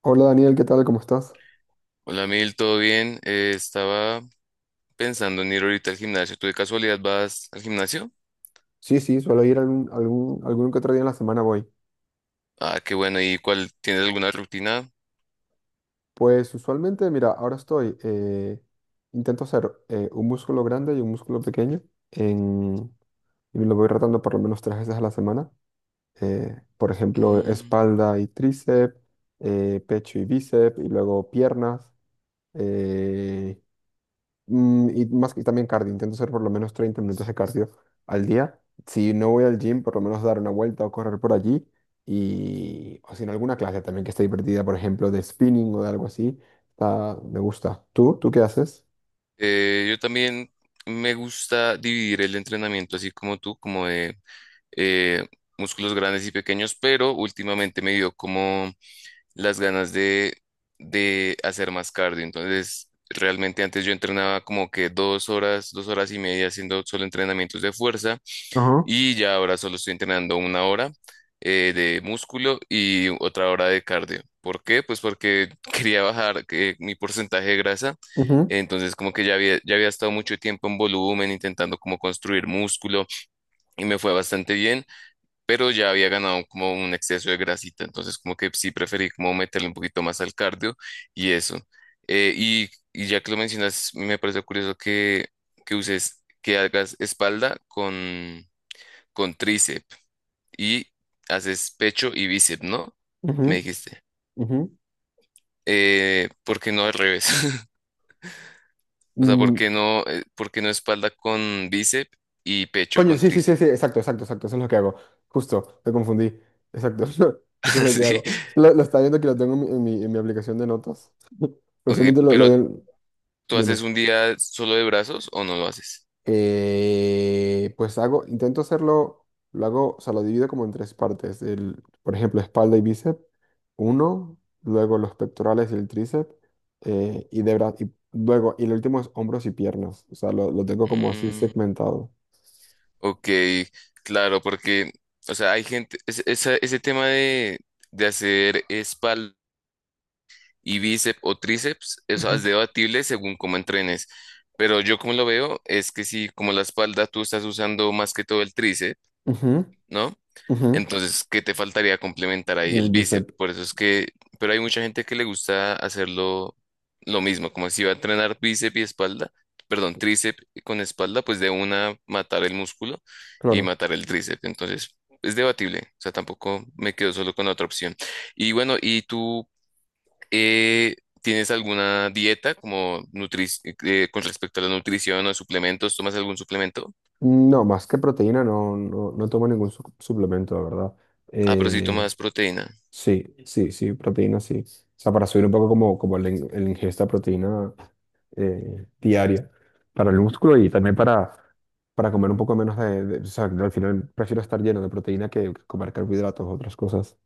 Hola Daniel, ¿qué tal? ¿Cómo estás? Hola Mil, ¿todo bien? Estaba pensando en ir ahorita al gimnasio. ¿Tú de casualidad vas al gimnasio? Sí, sí, suelo ir algún que otro día en la semana voy. Ah, qué bueno. ¿Y cuál? ¿Tienes alguna rutina? Pues usualmente, mira, ahora estoy, intento hacer un músculo grande y un músculo pequeño en, y lo voy rotando por lo menos tres veces a la semana. Por ejemplo, Mm, espalda y tríceps, pecho y bíceps, y luego piernas, eh, y más que también cardio, intento hacer por lo menos 30 minutos de cardio al día. Si no voy al gym, por lo menos dar una vuelta o correr por allí. Y, o si en alguna clase también que esté divertida, por ejemplo, de spinning o de algo así, me gusta. ¿Tú qué haces? Yo también me gusta dividir el entrenamiento así como tú, como de eh, músculos grandes y pequeños, pero últimamente me dio como las ganas de hacer más cardio. Entonces, realmente antes yo entrenaba como que dos horas y media haciendo solo entrenamientos de fuerza. Ajá. Y ya ahora solo estoy entrenando una hora de músculo y otra hora de cardio. ¿Por qué? Pues porque quería bajar mi porcentaje de grasa. Ujú, Entonces como que ya había estado mucho tiempo en volumen intentando como construir músculo y me fue bastante bien, pero ya había ganado como un exceso de grasita. Entonces como que sí preferí como meterle un poquito más al cardio y eso. Y ya que lo mencionas, me parece curioso que que hagas espalda con tríceps y haces pecho y bíceps, ¿no? Me ujú, dijiste. ujú. ¿Por qué no al revés? O sea, Mm, por qué no espalda con bíceps y pecho coño, con sí, sí, sí, tríceps? sí, exacto, exacto, exacto, eso es lo que hago. Justo, me confundí. Exacto, eso es lo que Sí. hago. Lo estaba viendo que lo tengo en mi aplicación de notas. Ok, Personalmente lo pero vi en- ¿tú Dime. haces un día solo de brazos o no lo haces? Pues hago, intento hacerlo, lo hago, o sea, lo divido como en tres partes. El, por ejemplo, espalda y bíceps, uno, luego los pectorales y el tríceps, y luego, y el último es hombros y piernas. O sea, lo tengo como así Mm, segmentado. ok, claro, porque, o sea, hay gente, ese tema de hacer espalda y bíceps o tríceps, eso es Ujú. debatible según cómo entrenes. Pero yo como lo veo es que si como la espalda tú estás usando más que todo el tríceps, Ujú, ¿no? ujú. Entonces, ¿qué te faltaría complementar ahí El el bíceps? bíceps, Por eso es que, pero hay mucha gente que le gusta hacerlo lo mismo, como si va a entrenar bíceps y espalda, perdón, tríceps con espalda, pues de una matar el músculo y claro. matar el tríceps. Entonces, es debatible, o sea, tampoco me quedo solo con la otra opción. Y bueno, ¿y tú eh, tienes alguna dieta como nutri con respecto a la nutrición o suplementos? ¿Tomas algún suplemento? No, más que proteína, no, no, no tomo ningún suplemento, la verdad. Ah, pero sí Eh, tomas proteína. sí, sí, sí, proteína, sí. O sea, para subir un poco como la el ingesta de proteína, diaria para el músculo y también para comer un poco menos o sea, al final prefiero estar lleno de proteína que comer carbohidratos o otras cosas.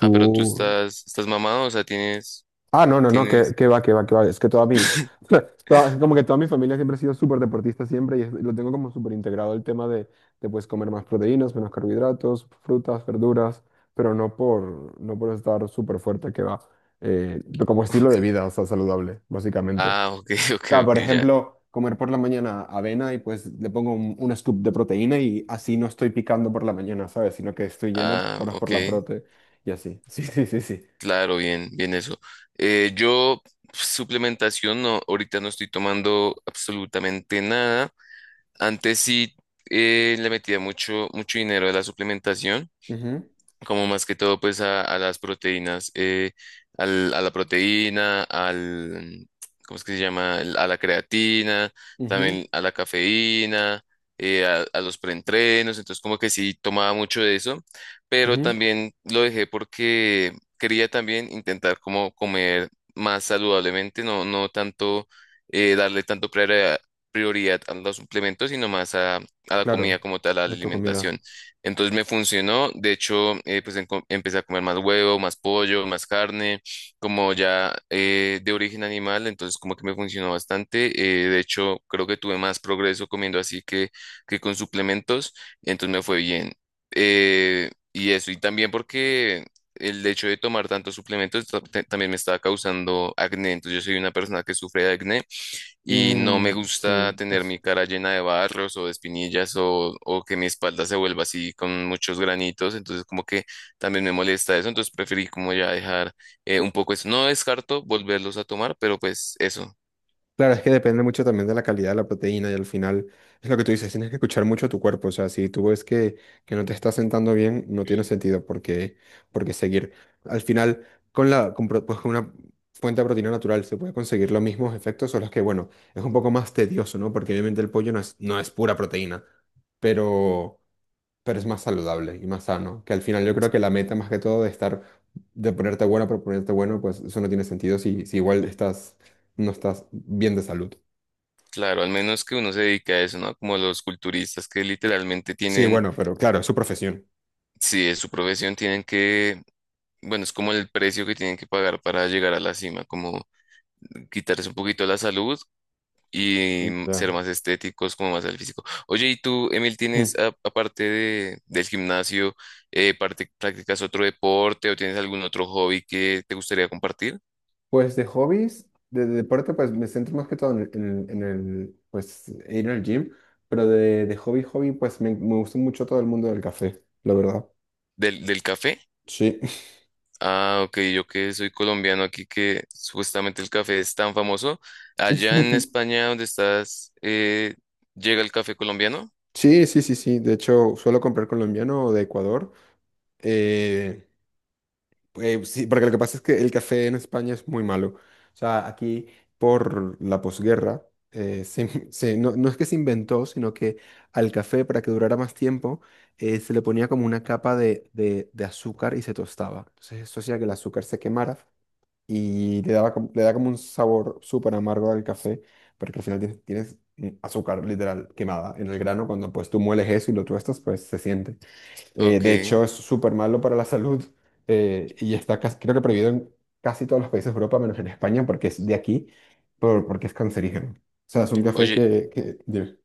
Ah, pero estás mamado, o sea, Ah, no, no, no, tienes. que va, que va, que va. Es que toda mi... es como que toda mi familia siempre ha sido súper deportista siempre y es- lo tengo como súper integrado el tema de pues comer más proteínas, menos carbohidratos, frutas, verduras, pero no por estar súper fuerte, que va. Eh, como estilo de Ok. vida, o sea, saludable, básicamente Ah, ok, ok, sea, ok, por ya. ejemplo, comer por la mañana avena y pues le pongo un scoop de proteína y así no estoy picando por la mañana, ¿sabes? Sino que estoy lleno Ah, por ok. la prote y así. Sí, sí, sí, sí. Claro, bien, bien eso. Eh, yo, suplementación, no, ahorita no estoy tomando absolutamente nada. Antes sí le metía mucho, mucho dinero a la suplementación, Ujú, como más que todo pues a las proteínas, a la proteína, ¿cómo es que se llama? A la creatina, ujú, también a la cafeína, a los preentrenos, entonces como que sí tomaba mucho de eso, pero ujú. también lo dejé porque quería también intentar como comer más saludablemente, no, no tanto darle tanto prioridad a los suplementos, sino más a la comida Claro, como tal, a la a tu comida. alimentación. Entonces me funcionó, de hecho, empecé a comer más huevo, más pollo, más carne, como ya de origen animal, entonces como que me funcionó bastante. De hecho, creo que tuve más progreso comiendo así que con suplementos, entonces me fue bien. Y eso, y también porque el hecho de tomar tantos suplementos también me estaba causando acné, entonces yo soy una persona que sufre de acné y no me Mm, gusta sí. tener mi cara llena de barros o de espinillas o que mi espalda se vuelva así con muchos granitos, entonces como que también me molesta eso, entonces preferí como ya dejar un poco eso. No descarto volverlos a tomar, pero pues eso, Claro, es que depende mucho también de la calidad de la proteína y al final es lo que tú dices, tienes que escuchar mucho a tu cuerpo, o sea, si tú ves que no te está sentando bien, no tiene sentido porque seguir. Al final, con la, con, pro- pues, con una fuente de proteína natural se puede conseguir los mismos efectos, solo es que, bueno, es un poco más tedioso, ¿no? Porque obviamente el pollo no es pura proteína, pero, pero es más saludable y más sano. Que al final yo creo que la meta más que todo de estar, de ponerte bueno por ponerte bueno, pues eso no tiene sentido si igual no estás bien de salud. claro, al menos que uno se dedique a eso, ¿no? Como los culturistas que literalmente Sí, tienen, bueno, pero claro, es su profesión. si es su profesión, tienen que... Bueno, es como el precio que tienen que pagar para llegar a la cima, como quitarse un poquito la salud y mm, Ya. ser más estéticos, como más al físico. Oye, ¿y tú, Emil, Hmm. tienes, aparte del gimnasio, practicas otro deporte o tienes algún otro hobby que te gustaría compartir? Pues de hobbies, de deporte, pues me centro más que todo en el, pues ir al gym, pero de hobby, hobby, pues me gusta mucho todo el mundo del café, la verdad. Del café? Sí. Ah, ok, yo que soy colombiano aquí, que supuestamente el café es tan famoso. Allá en España, donde estás, ¿llega el café colombiano? Sí, sí, sí, sí. De hecho, suelo comprar colombiano o de Ecuador. Eh, sí, porque lo que pasa es que el café en España es muy malo. O sea, aquí por la posguerra, no, no es que se inventó, sino que al café, para que durara más tiempo, se le ponía como una capa de azúcar y se tostaba. Entonces eso hacía que el azúcar se quemara y le daba, le da como un sabor súper amargo al café, porque al final tienes, azúcar literal quemada en el grano. Cuando pues tú mueles eso y lo tuestas, pues se siente. Ok. De hecho, es súper malo para la salud y está creo que prohibido en casi todos los países de Europa, menos en España, porque es de aquí, porque es cancerígeno. O sea, es un café Oye,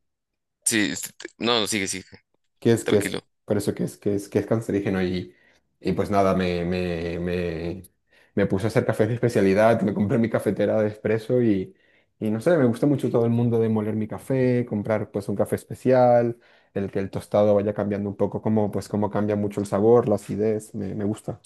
sí, este, te- no, no, sigue, sigue, que es, que es, tranquilo. por eso que es cancerígeno pues nada, me puse a hacer cafés de especialidad, me compré mi cafetera de espresso no sé, me gusta mucho todo el mundo de moler mi café, comprar pues un café especial, el que el tostado vaya cambiando un poco, como pues como cambia mucho el sabor, la acidez, me gusta.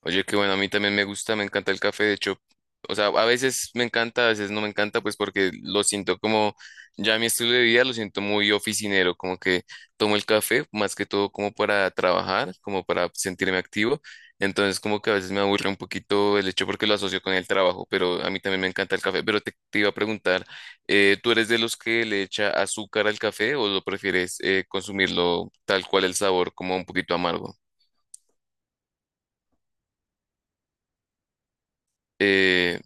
Oye, qué bueno, a mí también me gusta, me encanta el café, de hecho, o sea, a veces me encanta, a veces no me encanta, pues porque lo siento como, ya mi estilo de vida lo siento muy oficinero, como que tomo el café más que todo como para trabajar, como para sentirme activo, entonces como que a veces me aburre un poquito el hecho porque lo asocio con el trabajo, pero a mí también me encanta el café, pero te iba a preguntar, ¿tú eres de los que le echa azúcar al café o lo prefieres consumirlo tal cual el sabor, como un poquito amargo? Eh,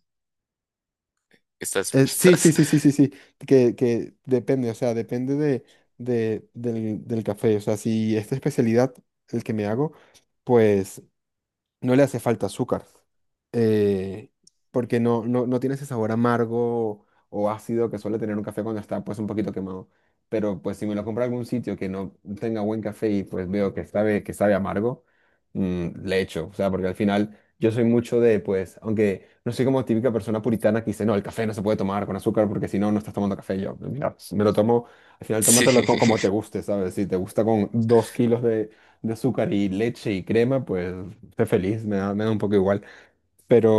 estás, Sí, sí, estás sí, sí, sí, sí, que depende, o sea, depende del café, o sea, si esta especialidad, el que me hago, pues no le hace falta azúcar, eh, porque no, no, no tiene ese sabor amargo o ácido que suele tener un café cuando está pues un poquito quemado. Pero pues si me lo compro en algún sitio que no tenga buen café y pues veo que sabe, amargo, le echo. O sea, porque al final yo soy mucho de pues, aunque no soy como típica persona puritana que dice, no, el café no se puede tomar con azúcar porque si no, no estás tomando café. Yo, mira, me lo tomo, al final Sí, tómatelo como te guste, ¿sabes? Si te gusta con 2 kilos de azúcar y leche y crema, pues sé feliz, me da un poco igual.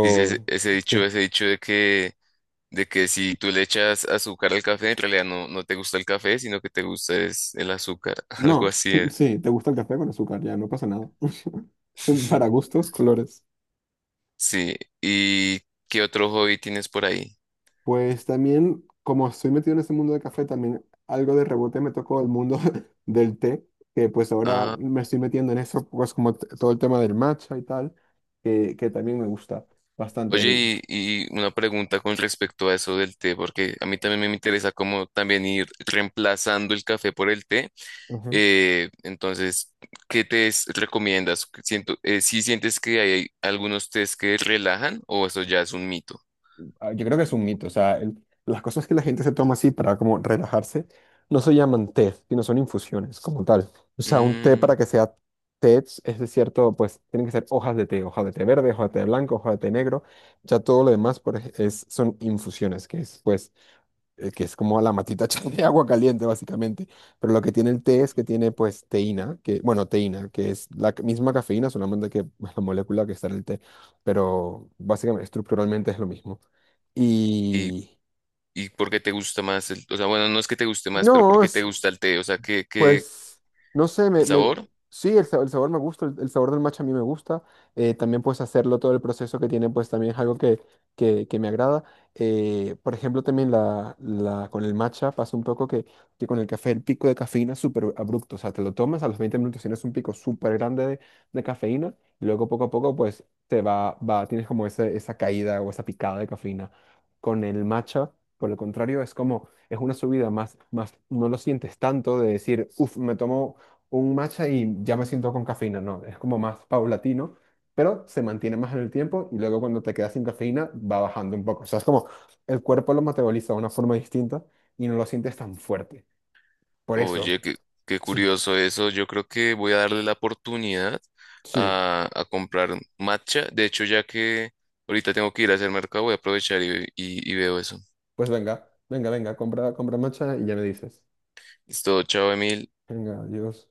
dice sí. ese dicho de de que si tú le echas azúcar al café, en realidad no te gusta el café, sino que te gusta es el azúcar, algo No, así es. sí, te gusta el café con azúcar, ya no pasa nada. Para gustos, colores. Sí, ¿y qué otro hobby tienes por ahí? Pues también, como estoy metido en este mundo del café, también algo de rebote me tocó el mundo del té, que pues ahora Ah. me estoy metiendo en eso, pues como todo el tema del matcha y tal, que también me gusta bastante el... Oye, y una pregunta con respecto a eso del té, porque a mí también me interesa cómo también ir reemplazando el café por el té. Entonces, ¿qué tés recomiendas? Siento, ¿sí sientes que hay algunos tés que relajan o eso ya es un mito? Ah, yo creo que es un mito, o sea, las cosas que la gente se toma así para como relajarse no se llaman té, sino son infusiones como tal. O sea, un té Mm, para que sea té es de cierto, pues tienen que ser hojas de té, hoja de té verde, hoja de té blanco, hoja de té negro, ya todo lo demás es, son infusiones, que es como la matita de agua caliente, básicamente. Pero lo que tiene el té es que tiene, pues, teína, que, bueno, teína, que es la misma cafeína, solamente que la molécula que está en el té, pero básicamente, estructuralmente es lo mismo. ¿y, Y y por qué te gusta más el, o sea, bueno, no es que te guste más, pero ¿por no, qué te es, gusta el té? O sea, ¿qué, qué, pues, no sé, el sabor? sí, el sabor me gusta, el sabor del matcha a mí me gusta. También pues hacerlo, todo el proceso que tiene, pues también es algo que me agrada. Por ejemplo, también con el matcha pasa un poco que con el café el pico de cafeína es súper abrupto. O sea, te lo tomas, a los 20 minutos tienes un pico súper grande de cafeína, y luego poco a poco pues tienes como esa caída o esa picada de cafeína. Con el matcha, por el contrario, es como es una subida más, más, no lo sientes tanto de decir, uff, me tomo un matcha y ya me siento con cafeína. No, es como más paulatino, pero se mantiene más en el tiempo y luego cuando te quedas sin cafeína va bajando un poco. O sea, es como el cuerpo lo metaboliza de una forma distinta y no lo sientes tan fuerte. Por eso, Oye, qué, qué sí, curioso eso. Yo creo que voy a darle la oportunidad sí, a comprar matcha. De hecho, ya que ahorita tengo que ir a hacer mercado, voy a aprovechar y veo eso. pues venga, venga, venga, compra, compra matcha y ya me dices. Listo, chao, Emil. Venga, adiós.